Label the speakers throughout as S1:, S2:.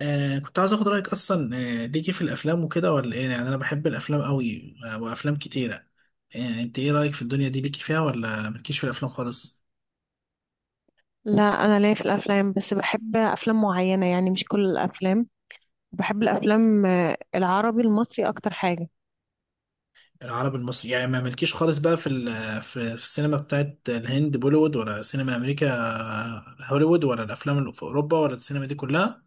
S1: آه كنت عايز اخد رايك اصلا. آه ليكي في الافلام وكده ولا ايه؟ يعني انا بحب الافلام قوي آه، وافلام كتيره. آه انت ايه رايك في الدنيا دي؟ ليكي فيها ولا ملكيش في الافلام خالص؟
S2: لا، انا ليا في الافلام بس بحب افلام معينه، يعني مش كل الافلام. بحب الافلام العربي المصري اكتر حاجه.
S1: العربي المصري، يعني ما ملكيش خالص بقى في ال- في في السينما بتاعت الهند بوليوود، ولا سينما امريكا آه، هوليوود، ولا الافلام اللي في اوروبا، ولا السينما دي كلها؟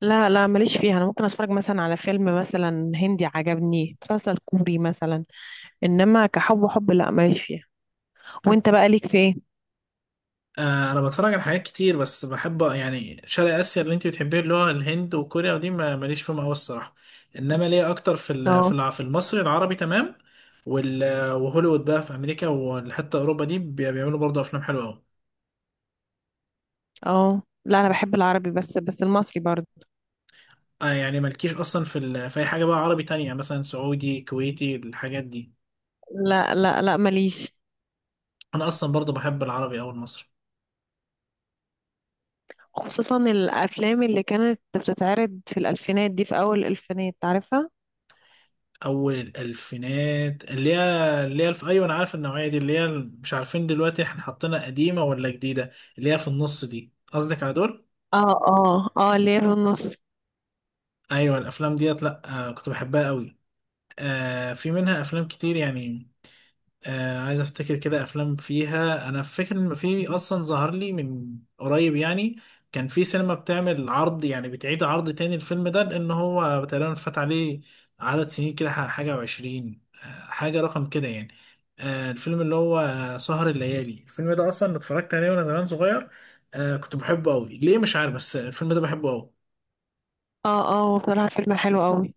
S2: لا لا ماليش فيها، انا ممكن اتفرج مثلا على فيلم مثلا هندي، عجبني مسلسل كوري مثلا. انما كحب وحب لا ماليش فيها. وانت بقى ليك في ايه؟
S1: آه، انا بتفرج على حاجات كتير، بس بحب يعني شرق اسيا اللي انت بتحبيه اللي هو الهند وكوريا، ودي ماليش فيهم قوي الصراحه. انما ليا اكتر في ال- في
S2: اه،
S1: الع- في المصري العربي تمام. وال- وهوليوود بقى في امريكا، وحتى اوروبا دي بيعملوا برضه افلام حلوه قوي.
S2: اه، لا انا بحب العربي، بس المصري برضه.
S1: آه يعني مالكيش اصلا في اي حاجه بقى عربي تانية؟ يعني مثلا سعودي كويتي الحاجات دي؟
S2: لا لا لا ماليش.
S1: انا اصلا برضه بحب العربي او المصري.
S2: خصوصا الافلام اللي كانت بتتعرض في الالفينات دي، في اول الالفينات، عارفها.
S1: اول الالفينات اللي هي؟ اللي هي ايوه انا عارف النوعيه دي، اللي هي مش عارفين دلوقتي احنا حاطينها قديمه ولا جديده. اللي هي في النص دي، قصدك على دول؟
S2: اه اه اه اللي هي في النص.
S1: ايوه الافلام ديت، لا آه كنت بحبها قوي. آه في منها افلام كتير يعني. آه عايز افتكر كده افلام فيها. انا فاكر ان في اصلا ظهر لي من قريب يعني، كان في سينما بتعمل عرض، يعني بتعيد عرض تاني الفيلم ده، لان هو تقريبا فات عليه عدد سنين كده، حاجة وعشرين آه حاجة رقم كده يعني. آه الفيلم اللي هو سهر الليالي، الفيلم ده اصلا اتفرجت عليه وانا زمان صغير. آه كنت بحبه قوي، ليه مش عارف، بس الفيلم ده بحبه قوي.
S2: اه اه، هو بصراحة فيلم حلو قوي.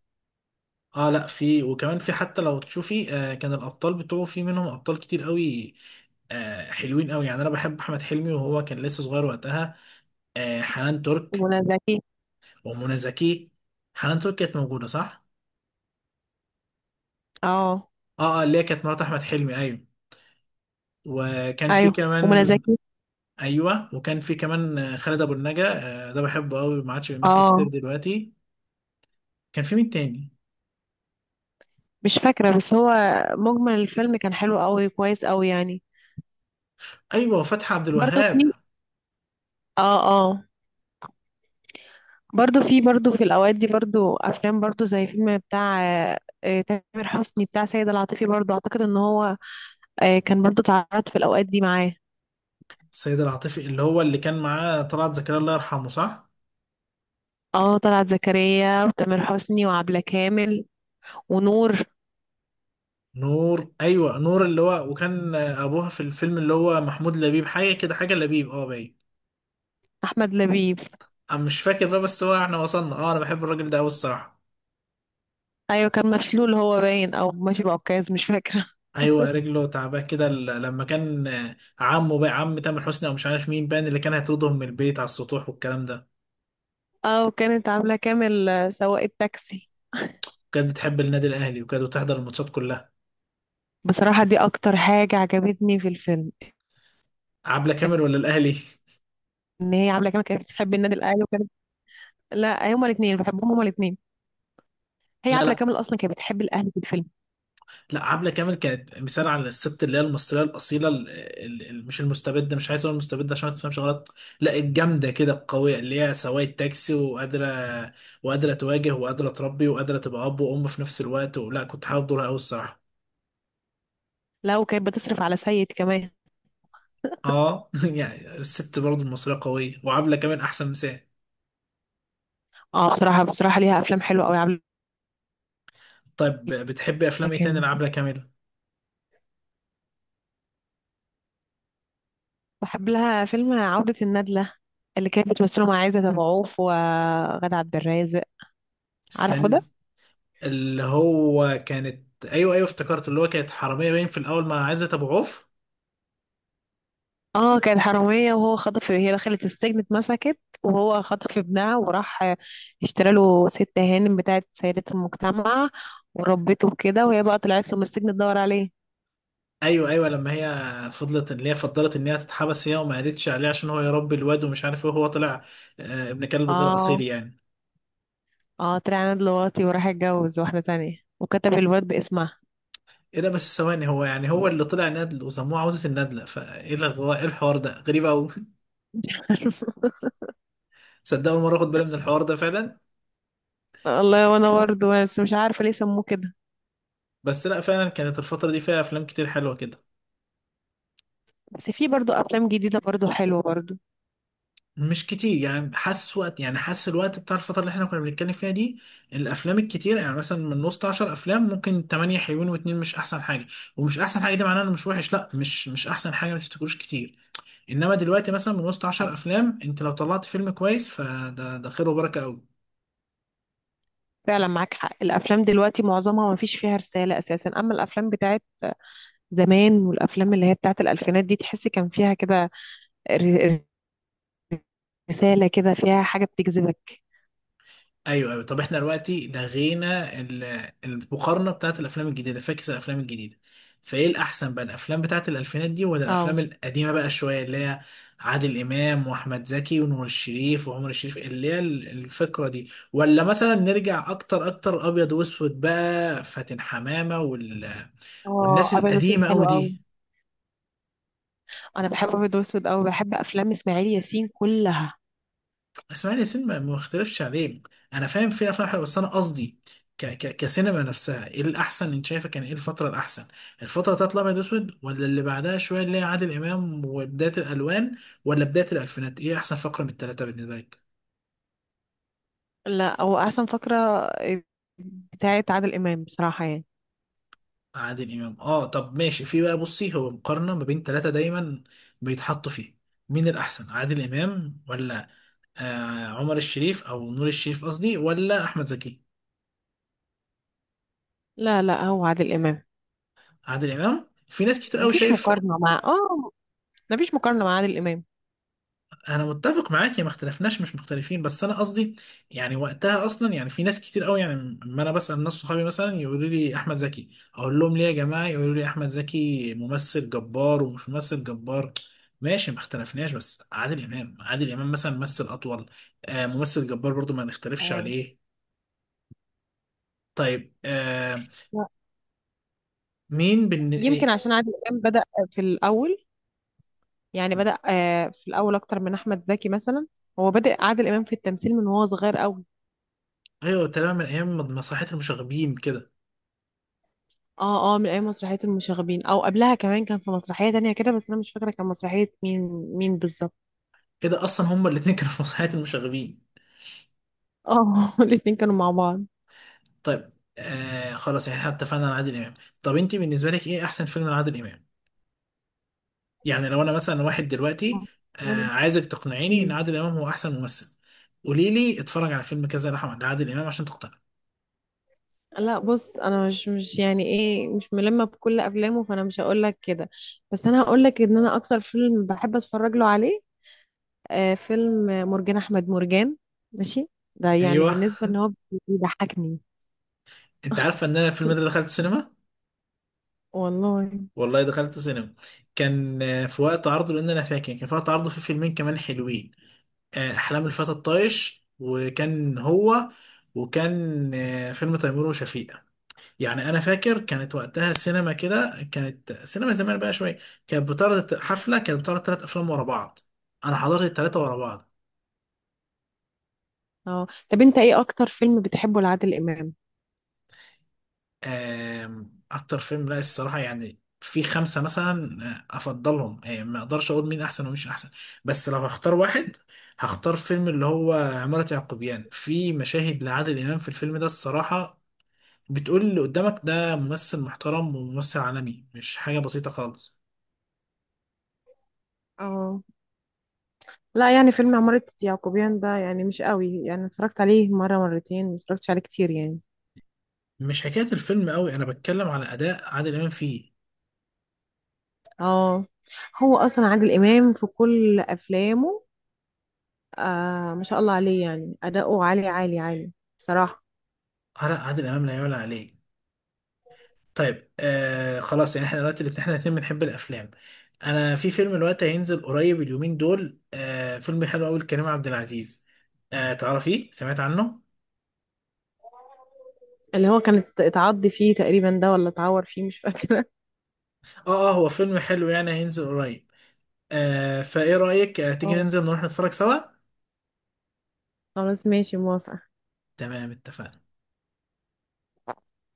S1: اه لا في، وكمان في، حتى لو تشوفي آه كان الابطال بتوعه في منهم ابطال كتير قوي. آه حلوين قوي، يعني انا بحب احمد حلمي، وهو كان لسه صغير وقتها. آه حنان ترك.
S2: ومنى زكي.
S1: ومنى زكي. حنان ترك كانت موجوده، صح.
S2: اه،
S1: اه اه اللي هي كانت مرات احمد حلمي، ايوه. وكان في
S2: ايوه ومنى
S1: كمان.
S2: زكي.
S1: ايوه وكان في كمان آه، خالد ابو النجا. آه ده بحبه قوي، ما عادش بيمثل كتير
S2: اه،
S1: دلوقتي. كان في مين تاني؟
S2: مش فاكرة، بس هو مجمل الفيلم كان حلو قوي، كويس قوي يعني.
S1: ايوه وفتحي عبد
S2: برضو
S1: الوهاب.
S2: في. اه. اه. برضو في، برضو في الأوقات دي برضو أفلام، برضو زي فيلم بتاع تامر حسني بتاع سيد العاطفي، برضو أعتقد إن هو كان برضو اتعرض في الأوقات دي معاه.
S1: السيد العاطفي، اللي هو اللي كان معاه طلعت زكريا، الله يرحمه، صح.
S2: اه، طلعت زكريا وتامر حسني وعبلة كامل ونور.
S1: نور، ايوه نور، اللي هو وكان ابوها في الفيلم اللي هو محمود لبيب، حاجه كده، حاجه لبيب اه باين.
S2: أحمد لبيب.
S1: انا مش فاكر بقى، بس هو احنا وصلنا. اه انا بحب الراجل ده قوي الصراحه.
S2: أيوة، كان مشلول هو باين، أو ماشي بعكاز، مش فاكرة.
S1: ايوه رجله تعباه كده، لما كان آه، عمه بقى، عم تامر حسني او مش عارف مين، بان اللي كان هيطردهم من البيت على السطوح والكلام ده.
S2: اه، وكانت عاملة كامل سواق التاكسي.
S1: كانت بتحب النادي الاهلي، وكانت بتحضر الماتشات كلها.
S2: بصراحة دي أكتر حاجة عجبتني في الفيلم.
S1: عبله كامل ولا الاهلي؟
S2: إن هي عاملة كامل كانت بتحب النادي الأهلي وكانت. لا هما الاتنين بحبهم، هما الاتنين. هي
S1: لا
S2: عاملة
S1: لا
S2: كامل أصلا كانت بتحب الأهلي في الفيلم.
S1: لا عبلة كامل كانت مثال على الست اللي هي المصرية الأصيلة، مش المستبدة، مش عايز أقول المستبدة عشان ما تفهمش غلط. لا الجامدة كده القوية، اللي هي سواقة تاكسي، وقادرة تواجه، وقادرة تربي، وقادرة تبقى أب وأم في نفس الوقت. ولا كنت حابب دورها أوي الصراحة.
S2: لا، وكانت بتصرف على سيد كمان.
S1: أه يعني الست برضه المصرية قوية، وعبلة كامل أحسن مثال.
S2: اه، بصراحة بصراحة ليها أفلام حلوة أوي عاملة
S1: طيب بتحبي أفلام إيه تاني
S2: كامل.
S1: لعبلة كامل؟
S2: بحب لها فيلم عودة الندلة، اللي كانت بتمثله مع عايزة أبو عوف وغادة عبد الرازق. عارفه ده.
S1: استنى، اللي هو كانت، أيوه أيوه افتكرت، اللي هو كانت حرامية باين في الأول مع عزت أبو عوف.
S2: اه، كانت حرامية، وهو خطف، هي دخلت السجن اتمسكت وهو خطف ابنها وراح اشترى له ست هانم بتاعت سيدة المجتمع، وربته كده، وهي بقى طلعت له من السجن تدور عليه.
S1: ايوه ايوه، لما هي فضلت، ان هي تتحبس هي، وما قالتش عليه عشان هو يربي الواد ومش عارف ايه، وهو طلع آه، ابن كلب غير اصيل
S2: اه
S1: يعني.
S2: اه، طلع انا دلوقتي وراح اتجوز واحدة تانية وكتب الولد باسمها.
S1: ايه ده بس، ثواني، هو يعني هو اللي طلع نادل وسموه عودة الندلة؟ فايه ايه الحوار ده؟ غريب قوي.
S2: مش عارفة.
S1: صدق اول مرة اخد بالي من الحوار ده فعلا.
S2: والله وانا برضه، بس مش عارفة ليه سموه كده.
S1: بس لا فعلا كانت الفترة دي فيها افلام كتير حلوة كده.
S2: بس في برضه افلام جديدة برضه حلوة برضه.
S1: مش كتير يعني، حاسس وقت، يعني حاسس الوقت بتاع الفترة اللي احنا كنا بنتكلم فيها دي الأفلام الكتير. يعني مثلا من وسط 10 أفلام ممكن 8 حلوين واتنين مش أحسن حاجة. ومش أحسن حاجة دي معناها إنه مش وحش، لا مش أحسن حاجة، ما تفتكروش كتير. إنما دلوقتي مثلا من وسط 10 أفلام أنت لو طلعت فيلم كويس فده، ده خير وبركة أوي.
S2: فعلا معاك حق، الافلام دلوقتي معظمها ما فيش فيها رسالة اساسا، اما الافلام بتاعت زمان والافلام اللي هي بتاعت الالفينات دي تحس كان فيها كده ر- رسالة كده، فيها حاجة بتجذبك.
S1: ايوه ايوه، طب احنا دلوقتي المقارنه بتاعت الافلام الجديده. فاكس الافلام الجديده، فايه الاحسن بقى؟ الافلام بتاعت الالفينات دي، ولا
S2: اه
S1: الافلام القديمه بقى شويه، اللي هي عادل امام واحمد زكي ونور الشريف وعمر الشريف، اللي هي الفكره دي؟ ولا مثلا نرجع اكتر اكتر، ابيض واسود بقى، فاتن حمامه
S2: اه،
S1: والناس
S2: ابيض واسود
S1: القديمه
S2: حلو
S1: قوي
S2: قوي.
S1: دي؟
S2: انا بحب ابيض واسود قوي، بحب افلام اسماعيل ياسين كلها.
S1: اسماعيل ياسين ما مختلفش عليه. انا فاهم في افلام حلوه، بس انا قصدي ك ك كسينما نفسها ايه الاحسن؟ انت شايفه كان ايه الفتره الاحسن؟ الفتره بتاعت الابيض واسود، ولا اللي بعدها شويه اللي هي عادل امام وبدايه الالوان، ولا بدايه الالفينات؟ ايه احسن فقره من الثلاثه بالنسبه لك؟
S2: لا هو احسن فقره بتاعت عادل امام بصراحه يعني.
S1: عادل امام، اه طب ماشي. في بقى بصي، هو مقارنه ما بين ثلاثه دايما بيتحطوا فيه، مين الاحسن؟ عادل امام، ولا آه عمر الشريف او نور الشريف قصدي، ولا احمد زكي؟
S2: لا لا، هو عادل امام.
S1: عادل امام في ناس كتير قوي
S2: مفيش
S1: شايف.
S2: مقارنه مع اه، مفيش مقارنه مع عادل امام.
S1: انا متفق معاك، يا ما اختلفناش، مش مختلفين، بس انا قصدي يعني وقتها اصلا يعني في ناس كتير قوي يعني. لما انا بسال ناس صحابي مثلا يقولوا لي احمد زكي، اقول لهم ليه يا جماعه؟ يقولوا لي احمد زكي ممثل جبار ومش ممثل جبار. ماشي ما اختلفناش، بس عادل امام، عادل امام مثلا ممثل اطول. آه ممثل جبار برضو، ما نختلفش
S2: آه،
S1: عليه. طيب آه، مين بن
S2: يمكن
S1: إيه-
S2: عشان عادل امام بدا في الاول، يعني بدا في الاول اكتر من احمد زكي مثلا. هو بدا عادل امام في التمثيل من وهو صغير قوي.
S1: ايوه تمام، من ايام مسرحيه المشاغبين كده.
S2: اه اه، من اي مسرحية المشاغبين، او قبلها كمان كان في مسرحية تانية كده، بس انا مش فاكرة كان مسرحية مين، مين بالظبط.
S1: كده اصلا هما الاتنين كانوا في مسرحيه المشاغبين.
S2: اه الاتنين كانوا مع بعض.
S1: طيب آه خلاص، احنا اتفقنا على عادل امام. طب انت بالنسبه لك ايه احسن فيلم لعادل امام؟ يعني لو انا مثلا واحد دلوقتي آه عايزك تقنعيني ان
S2: مم.
S1: عادل امام هو احسن ممثل، قولي لي اتفرج على فيلم كذا لعادل امام عشان تقتنع.
S2: لا بص، انا مش يعني ايه، مش ملمة بكل افلامه، فانا مش هقول لك كده، بس انا هقول لك ان انا اكتر فيلم بحب اتفرج له عليه آه فيلم مرجان احمد مرجان. ماشي، ده يعني
S1: ايوه
S2: بالنسبة ان هو بيضحكني.
S1: انت عارفه ان انا الفيلم ده دخلت سينما؟
S2: والله.
S1: والله دخلت سينما، كان آه، في وقت عرضه، لان انا فاكر كان في وقت عرضه في فيلمين كمان حلوين. آه احلام الفتى الطايش وكان هو، وكان آه فيلم تيمور وشفيقة. يعني انا فاكر كانت وقتها السينما كده، كانت سينما زمان بقى شويه، كانت بتعرض حفله، كانت بتعرض ثلاث افلام ورا بعض. انا حضرت الثلاثه ورا بعض.
S2: اه، طب انت ايه اكتر فيلم بتحبه لعادل امام؟
S1: آم، اكتر فيلم، لا الصراحه يعني في خمسه مثلا آه، افضلهم آه، ما اقدرش اقول مين احسن ومش احسن. بس لو هختار واحد، هختار فيلم اللي هو عمارة يعقوبيان. في مشاهد لعادل امام في الفيلم ده الصراحه بتقول اللي قدامك ده ممثل محترم وممثل عالمي، مش حاجه بسيطه خالص.
S2: اه لا، يعني فيلم عمارة يعقوبيان ده يعني مش قوي، يعني اتفرجت عليه مرة مرتين، ما اتفرجتش عليه كتير يعني.
S1: مش حكاية الفيلم قوي، انا بتكلم على اداء عادل امام فيه.
S2: اه، هو اصلا عادل امام في كل افلامه آه ما شاء الله عليه، يعني اداؤه عالي عالي عالي بصراحة.
S1: على عادل امام لا يعلى عليه. طيب آه خلاص، يعني احنا دلوقتي احنا الاتنين بنحب الافلام. انا في فيلم دلوقتي هينزل قريب اليومين دول، آه فيلم حلو قوي لكريم عبد العزيز. آه تعرفيه؟ سمعت عنه؟
S2: اللي هو كانت اتعض فيه تقريبا ده، ولا اتعور فيه مش فاكرة.
S1: اه اه هو فيلم حلو يعني، هينزل قريب. آه فايه رأيك آه تيجي
S2: اه،
S1: ننزل نروح نتفرج سوا؟
S2: خلاص ماشي، موافقة.
S1: تمام اتفقنا.